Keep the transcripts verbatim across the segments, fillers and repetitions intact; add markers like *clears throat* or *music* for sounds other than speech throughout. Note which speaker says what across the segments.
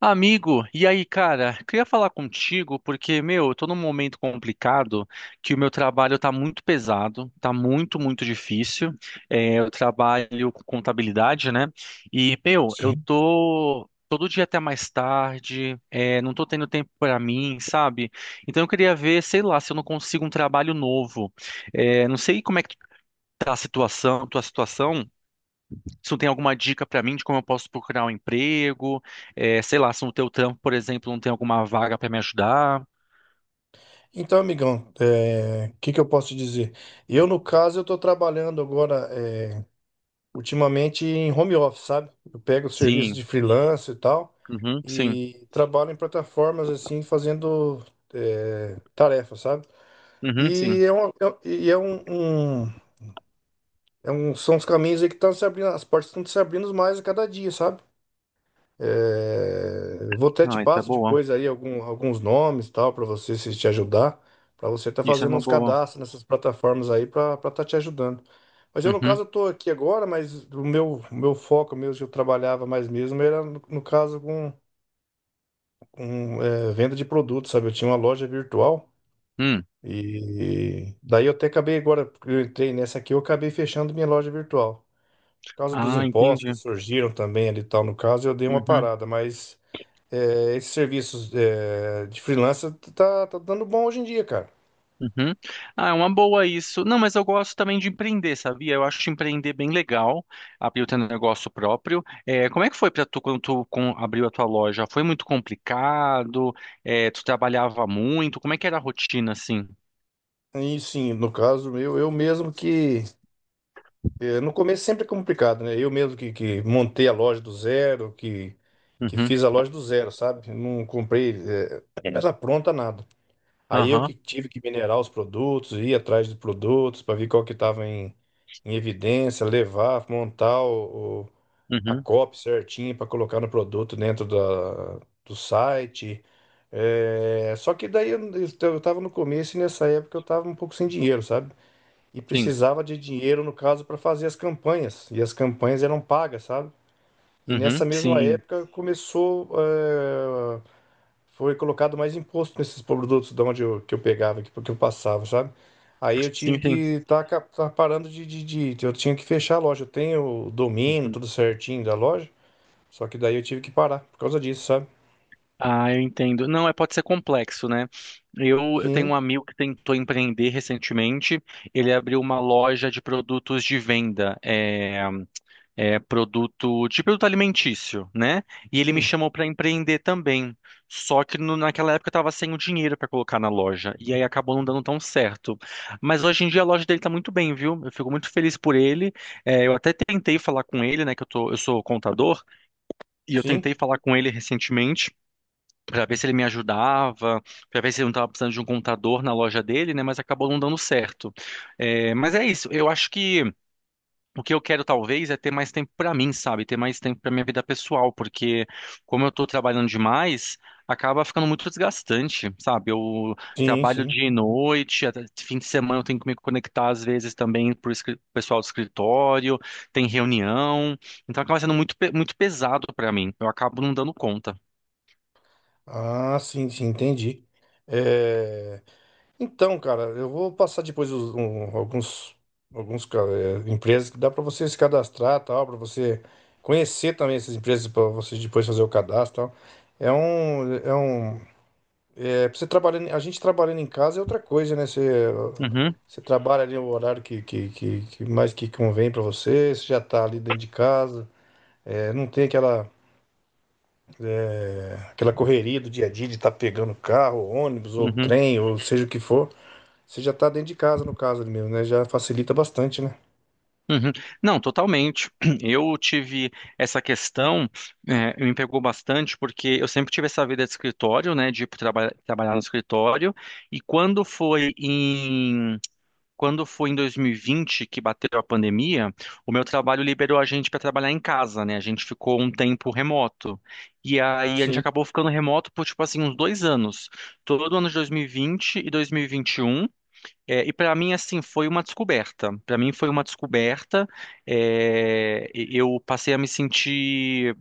Speaker 1: Amigo, e aí, cara? Queria falar contigo porque, meu, eu tô num momento complicado que o meu trabalho tá muito pesado, tá muito, muito difícil. É, eu trabalho com contabilidade, né? E, meu, eu
Speaker 2: Sim.
Speaker 1: tô todo dia até mais tarde, é, não tô tendo tempo pra mim, sabe? Então eu queria ver, sei lá, se eu não consigo um trabalho novo. É, não sei como é que tá a situação, tua situação. Se tu tem alguma dica para mim de como eu posso procurar um emprego, é, sei lá, se no teu trampo, por exemplo, não tem alguma vaga para me ajudar.
Speaker 2: Então, amigão, é, o que que eu posso te dizer? Eu, no caso, eu estou trabalhando agora, é, ultimamente, em home office, sabe? Eu pego serviço
Speaker 1: Sim,
Speaker 2: de freelance e tal,
Speaker 1: uhum, sim,
Speaker 2: e trabalho em plataformas, assim, fazendo é, tarefas, sabe?
Speaker 1: uhum,
Speaker 2: E
Speaker 1: sim.
Speaker 2: é, uma, é, e é um, um- é um- São os caminhos aí que estão se abrindo, as portas estão se abrindo mais a cada dia, sabe? É, eu vou até te
Speaker 1: Ah, isso é
Speaker 2: passo
Speaker 1: boa.
Speaker 2: depois aí algum- alguns nomes tal para você se te ajudar, para você estar
Speaker 1: Isso é
Speaker 2: fazendo
Speaker 1: uma
Speaker 2: uns
Speaker 1: boa.
Speaker 2: cadastros nessas plataformas aí para estar te ajudando. Mas eu no
Speaker 1: Uhum,
Speaker 2: caso eu tô aqui agora, mas o meu o meu foco mesmo que eu trabalhava mais mesmo era no, no caso com, com é, venda de produtos, sabe? Eu tinha uma loja virtual
Speaker 1: hum.
Speaker 2: e daí eu até acabei agora porque eu entrei nessa aqui, eu acabei fechando minha loja virtual. Por causa dos
Speaker 1: Ah,
Speaker 2: impostos
Speaker 1: entendi.
Speaker 2: que surgiram também ali e tal no caso, eu dei uma
Speaker 1: Uhum,
Speaker 2: parada, mas é, esses serviços é, de freelancer tá, tá dando bom hoje em dia, cara.
Speaker 1: uhum. Ah, é uma boa isso. Não, mas eu gosto também de empreender, sabia? Eu acho empreender bem legal, abrir o teu negócio próprio. É, como é que foi para tu quando tu com- abriu a tua loja? Foi muito complicado? É, tu trabalhava muito? Como é que era a rotina assim?
Speaker 2: E sim, no caso, eu, eu mesmo que. É, No começo sempre é complicado, né? Eu mesmo que, que montei a loja do zero, que, que
Speaker 1: Uhum.
Speaker 2: fiz a loja do zero, sabe? Não comprei é, ela pronta, nada. Aí eu
Speaker 1: Aham,
Speaker 2: que tive que minerar os produtos, ir atrás de produtos para ver qual que estava em, em evidência, levar, montar o, o- a
Speaker 1: uhum,
Speaker 2: copy certinha para colocar no produto dentro da, do site. É, só que daí eu, eu tava no começo e nessa época eu tava um pouco sem dinheiro, sabe? E
Speaker 1: sim,
Speaker 2: precisava de dinheiro, no caso, para fazer as campanhas. E as campanhas eram pagas, sabe? E nessa
Speaker 1: uhum,
Speaker 2: mesma
Speaker 1: sim,
Speaker 2: época começou, é, foi colocado mais imposto nesses produtos de onde eu, que eu pegava, que, que eu passava, sabe? Aí eu
Speaker 1: sim,
Speaker 2: tive que
Speaker 1: sim.
Speaker 2: estar tá, ca- tá parando de, de, de- Eu tinha que fechar a loja. Eu tenho o domínio,
Speaker 1: uhum.
Speaker 2: tudo certinho da loja. Só que daí eu tive que parar por causa disso, sabe?
Speaker 1: Ah, eu entendo. Não, é, pode ser complexo, né? Eu, eu tenho um
Speaker 2: Sim,
Speaker 1: amigo que tentou empreender recentemente. Ele abriu uma loja de produtos de venda. É, é, produto de produto alimentício, né? E ele me
Speaker 2: sim,
Speaker 1: chamou para empreender também. Só que no- naquela época eu estava sem o dinheiro para colocar na loja e aí acabou não dando tão certo. Mas hoje em dia a loja dele está muito bem, viu? Eu fico muito feliz por ele. É, eu até tentei falar com ele, né? Que eu tô, eu sou contador e eu
Speaker 2: sim,
Speaker 1: tentei falar com ele recentemente. Para ver se ele me ajudava, para ver se ele não estava precisando de um contador na loja dele, né? Mas acabou não dando certo. É, mas é isso. Eu acho que o que eu quero talvez é ter mais tempo pra mim, sabe? Ter mais tempo pra minha vida pessoal, porque como eu tô trabalhando demais, acaba ficando muito desgastante, sabe? Eu
Speaker 2: sim,
Speaker 1: trabalho
Speaker 2: sim.
Speaker 1: dia e noite, até fim de semana eu tenho que me conectar às vezes também pro escri- pessoal do escritório, tem reunião, então acaba sendo muito, pe- muito pesado pra mim. Eu acabo não dando conta.
Speaker 2: Ah, sim, sim, entendi. É, Então, cara, eu vou passar depois os- um- alguns, alguns ca- é, empresas que dá para você se cadastrar, tal, para você conhecer também essas empresas para você depois fazer o cadastro, tal. É um, é um, É pra você trabalhando, a gente trabalhando em casa é outra coisa, né? Você,
Speaker 1: Uhum,
Speaker 2: você trabalha ali o horário que, que, que, que mais que convém para você, você já tá ali dentro de casa. É, não tem aquela, aquela correria do dia a dia de estar pegando carro, ônibus, ou
Speaker 1: uhum.
Speaker 2: trem, ou seja o que for. Você já está dentro de casa, no caso ali mesmo, né? Já facilita bastante, né?
Speaker 1: Uhum. Não, totalmente. *clears throat* Eu tive essa questão, eh, me pegou bastante, porque eu sempre tive essa vida de escritório, né, de ir pro traba trabalhar no escritório, e quando foi em, quando foi em dois mil e vinte que bateu a pandemia, o meu trabalho liberou a gente para trabalhar em casa, né, a gente ficou um tempo remoto, e aí a gente
Speaker 2: Sim,
Speaker 1: acabou ficando remoto por, tipo assim, uns dois anos, todo ano de dois mil e vinte e dois mil e vinte e um, é, e para mim, assim, foi uma descoberta. Para mim, foi uma descoberta. É, e- eu passei a me sentir.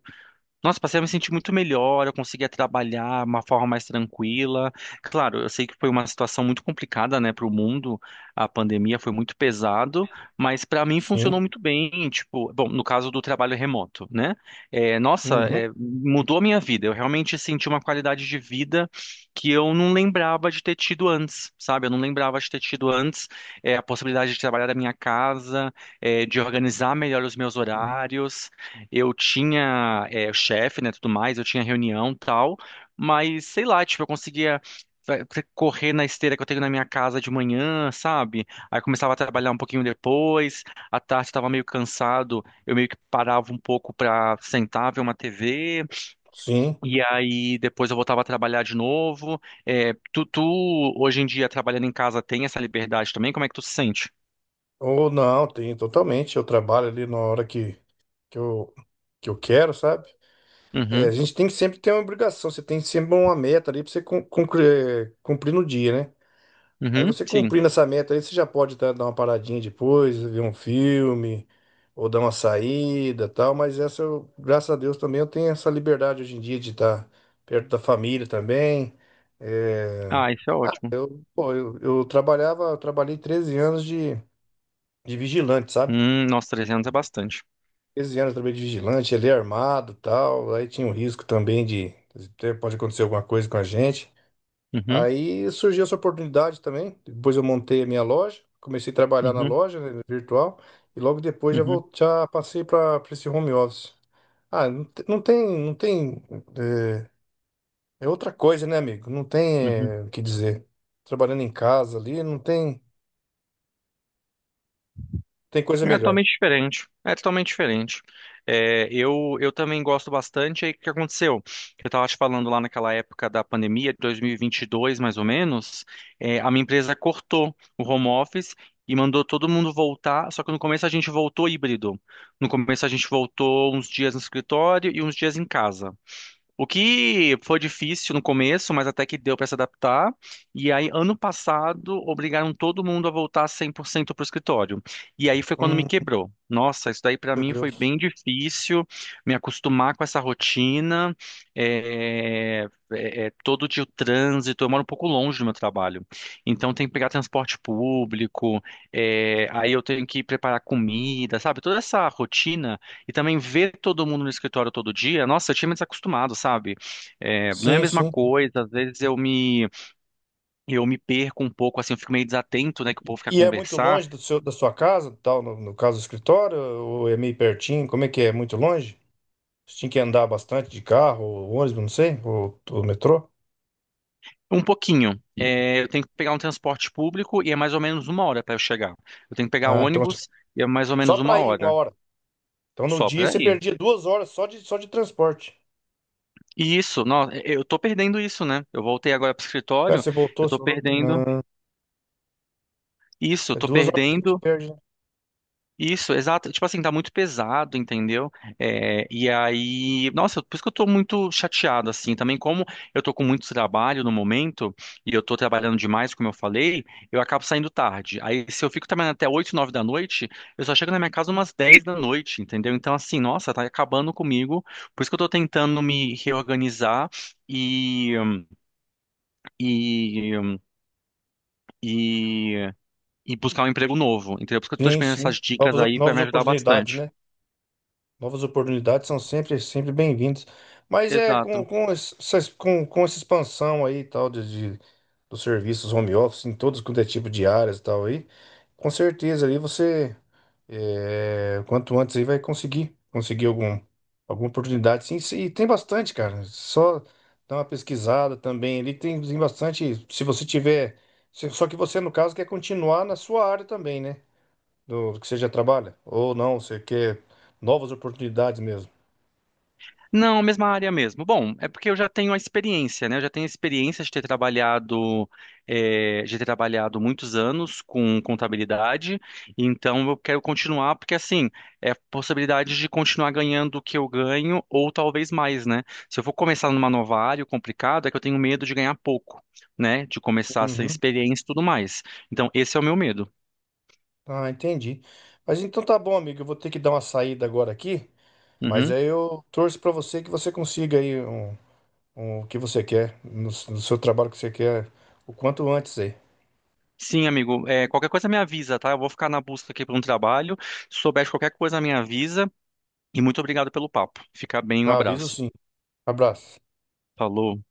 Speaker 1: Nossa, passei a me sentir muito melhor, eu conseguia trabalhar de uma forma mais tranquila. Claro, eu sei que foi uma situação muito complicada, né, para o mundo. A pandemia foi muito pesado, mas para mim funcionou
Speaker 2: sim.
Speaker 1: muito bem. Tipo, bom, no caso do trabalho remoto, né? É, nossa,
Speaker 2: Uhum,
Speaker 1: é, mudou a minha vida. Eu realmente senti uma qualidade de vida que eu não lembrava de ter tido antes, sabe? Eu não lembrava de ter tido antes, é, a possibilidade de trabalhar da minha casa, é, de organizar melhor os meus horários. Eu tinha eh, o chefe, né, tudo mais, eu tinha reunião e tal, mas sei lá, tipo, eu conseguia fa- fa- correr na esteira que eu tenho na minha casa de manhã, sabe? Aí eu começava a trabalhar um pouquinho depois, à tarde estava meio cansado, eu meio que parava um pouco pra sentar, ver uma tê vê,
Speaker 2: sim.
Speaker 1: e aí depois eu voltava a trabalhar de novo. Eh, tu, tu, hoje em dia, trabalhando em casa, tem essa liberdade também? Como é que tu se sente?
Speaker 2: Ou não, tem totalmente. Eu trabalho ali na hora que, que eu, que eu quero, sabe? É, a
Speaker 1: Uhum,
Speaker 2: gente tem que sempre ter uma obrigação, você tem sempre uma meta ali para você cum- cumprir, é, cumprir no dia, né? Aí
Speaker 1: uhum,
Speaker 2: você
Speaker 1: sim.
Speaker 2: cumprindo essa meta aí, você já pode tá, dar uma paradinha depois, ver um filme, ou dar uma saída, tal, mas essa, eu, graças a Deus também eu tenho essa liberdade hoje em dia de estar perto da família também. É,
Speaker 1: Ah, isso é ótimo.
Speaker 2: pô, eu, eu trabalhava, eu trabalhei treze anos de, de vigilante, sabe?
Speaker 1: Hum, nossa, trezentos é bastante.
Speaker 2: treze anos eu trabalhei de vigilante, ele é armado, tal, aí tinha um risco também de, de ter- pode acontecer alguma coisa com a gente.
Speaker 1: Uhum.
Speaker 2: Aí surgiu essa oportunidade também. Depois eu montei a minha loja, comecei a trabalhar na
Speaker 1: Uhum,
Speaker 2: loja, né, virtual, e logo depois já
Speaker 1: uhum,
Speaker 2: vou, já passei para esse home office. Ah, não, te- não tem, não tem, é, é outra coisa, né, amigo? Não tem,
Speaker 1: uhum.
Speaker 2: é, O que dizer. Trabalhando em casa ali, não tem, tem coisa
Speaker 1: É
Speaker 2: melhor.
Speaker 1: totalmente diferente. É totalmente diferente. É, eu, eu também gosto bastante. Aí o que aconteceu? Eu estava te falando lá naquela época da pandemia, de dois mil e vinte e dois mais ou menos, é, a minha empresa cortou o home office e mandou todo mundo voltar. Só que no começo a gente voltou híbrido. No começo a gente voltou uns dias no escritório e uns dias em casa. O que foi difícil no começo, mas até que deu para se adaptar. E aí, ano passado, obrigaram todo mundo a voltar cem por cento para o escritório. E aí foi quando me
Speaker 2: Hum,
Speaker 1: quebrou. Nossa, isso daí para
Speaker 2: meu
Speaker 1: mim foi
Speaker 2: Deus.
Speaker 1: bem difícil, me acostumar com essa rotina, é, é, é, todo dia o trânsito. Eu moro um pouco longe do meu trabalho, então tem que pegar transporte público, é, aí eu tenho que preparar comida, sabe? Toda essa rotina e também ver todo mundo no escritório todo dia, nossa, eu tinha me desacostumado, sabe? É, não é a
Speaker 2: Sim,
Speaker 1: mesma
Speaker 2: sim.
Speaker 1: coisa, às vezes eu me, eu me perco um pouco, assim, eu fico meio desatento, né, que o povo quer
Speaker 2: E é muito
Speaker 1: conversar.
Speaker 2: longe do seu, da sua casa, tal, no, no caso do escritório, ou é meio pertinho? Como é que é? É muito longe? Você tinha que andar bastante de carro, ou ônibus, não sei, ou, ou metrô?
Speaker 1: Um pouquinho. É, eu tenho que pegar um transporte público e é mais ou menos uma hora para eu chegar. Eu tenho que pegar
Speaker 2: Ah, então
Speaker 1: ônibus e é mais ou
Speaker 2: só
Speaker 1: menos uma
Speaker 2: para ir uma
Speaker 1: hora.
Speaker 2: hora. Então no
Speaker 1: Só
Speaker 2: dia
Speaker 1: para
Speaker 2: você
Speaker 1: ir.
Speaker 2: perdia duas horas só de, só de transporte.
Speaker 1: E isso, não, eu tô perdendo isso, né? Eu voltei agora pro
Speaker 2: Ah,
Speaker 1: escritório,
Speaker 2: você voltou,
Speaker 1: eu
Speaker 2: você
Speaker 1: tô
Speaker 2: falou?
Speaker 1: perdendo
Speaker 2: Não,
Speaker 1: isso, eu
Speaker 2: é
Speaker 1: tô
Speaker 2: duas horas que a gente
Speaker 1: perdendo
Speaker 2: perde, né?
Speaker 1: Isso, exato. Tipo assim, tá muito pesado, entendeu? É, e aí, nossa, por isso que eu tô muito chateado, assim, também como eu tô com muito trabalho no momento, e eu tô trabalhando demais, como eu falei, eu acabo saindo tarde. Aí, se eu fico trabalhando até oito, nove da noite, eu só chego na minha casa umas dez da noite, entendeu? Então, assim, nossa, tá acabando comigo. Por isso que eu tô tentando me reorganizar e, e, e, e buscar um emprego novo, entendeu? Por isso que eu tô te
Speaker 2: Sim,
Speaker 1: pedindo
Speaker 2: sim.
Speaker 1: essas dicas
Speaker 2: Novas,
Speaker 1: aí, vai
Speaker 2: novas
Speaker 1: me ajudar
Speaker 2: oportunidades,
Speaker 1: bastante.
Speaker 2: né? Novas oportunidades são sempre, sempre bem-vindas. Mas é com,
Speaker 1: Exato.
Speaker 2: com, essa, com, com essa expansão aí e tal de, de- dos serviços home office em todos quanto é tipo de áreas e tal aí, com certeza aí você... É, quanto antes aí vai conseguir, conseguir algum, alguma oportunidade, sim, sim, e tem bastante, cara. Só dá uma pesquisada também. Ele tem, tem bastante. Se você tiver, se- só que você no caso quer continuar na sua área também, né? Do que você já trabalha ou não, você quer novas oportunidades mesmo.
Speaker 1: Não, mesma área mesmo. Bom, é porque eu já tenho a experiência, né? Eu já tenho a experiência de ter trabalhado, eh, de ter trabalhado muitos anos com contabilidade, então eu quero continuar, porque assim, é a possibilidade de continuar ganhando o que eu ganho, ou talvez mais, né? Se eu for começar numa nova área complicada, é que eu tenho medo de ganhar pouco, né? De começar sem
Speaker 2: Uhum.
Speaker 1: experiência e tudo mais. Então, esse é o meu medo.
Speaker 2: Ah, entendi. Mas então tá bom, amigo. Eu vou ter que dar uma saída agora aqui. Mas
Speaker 1: Uhum.
Speaker 2: aí eu torço pra você que você consiga aí um, um- o que você quer no, no seu trabalho que você quer o quanto antes aí.
Speaker 1: Sim, amigo. Eh, qualquer coisa me avisa, tá? Eu vou ficar na busca aqui por um trabalho. Se souber de qualquer coisa, me avisa. E muito obrigado pelo papo. Fica bem, um
Speaker 2: Tá, aviso
Speaker 1: abraço.
Speaker 2: sim. Abraço.
Speaker 1: Falou.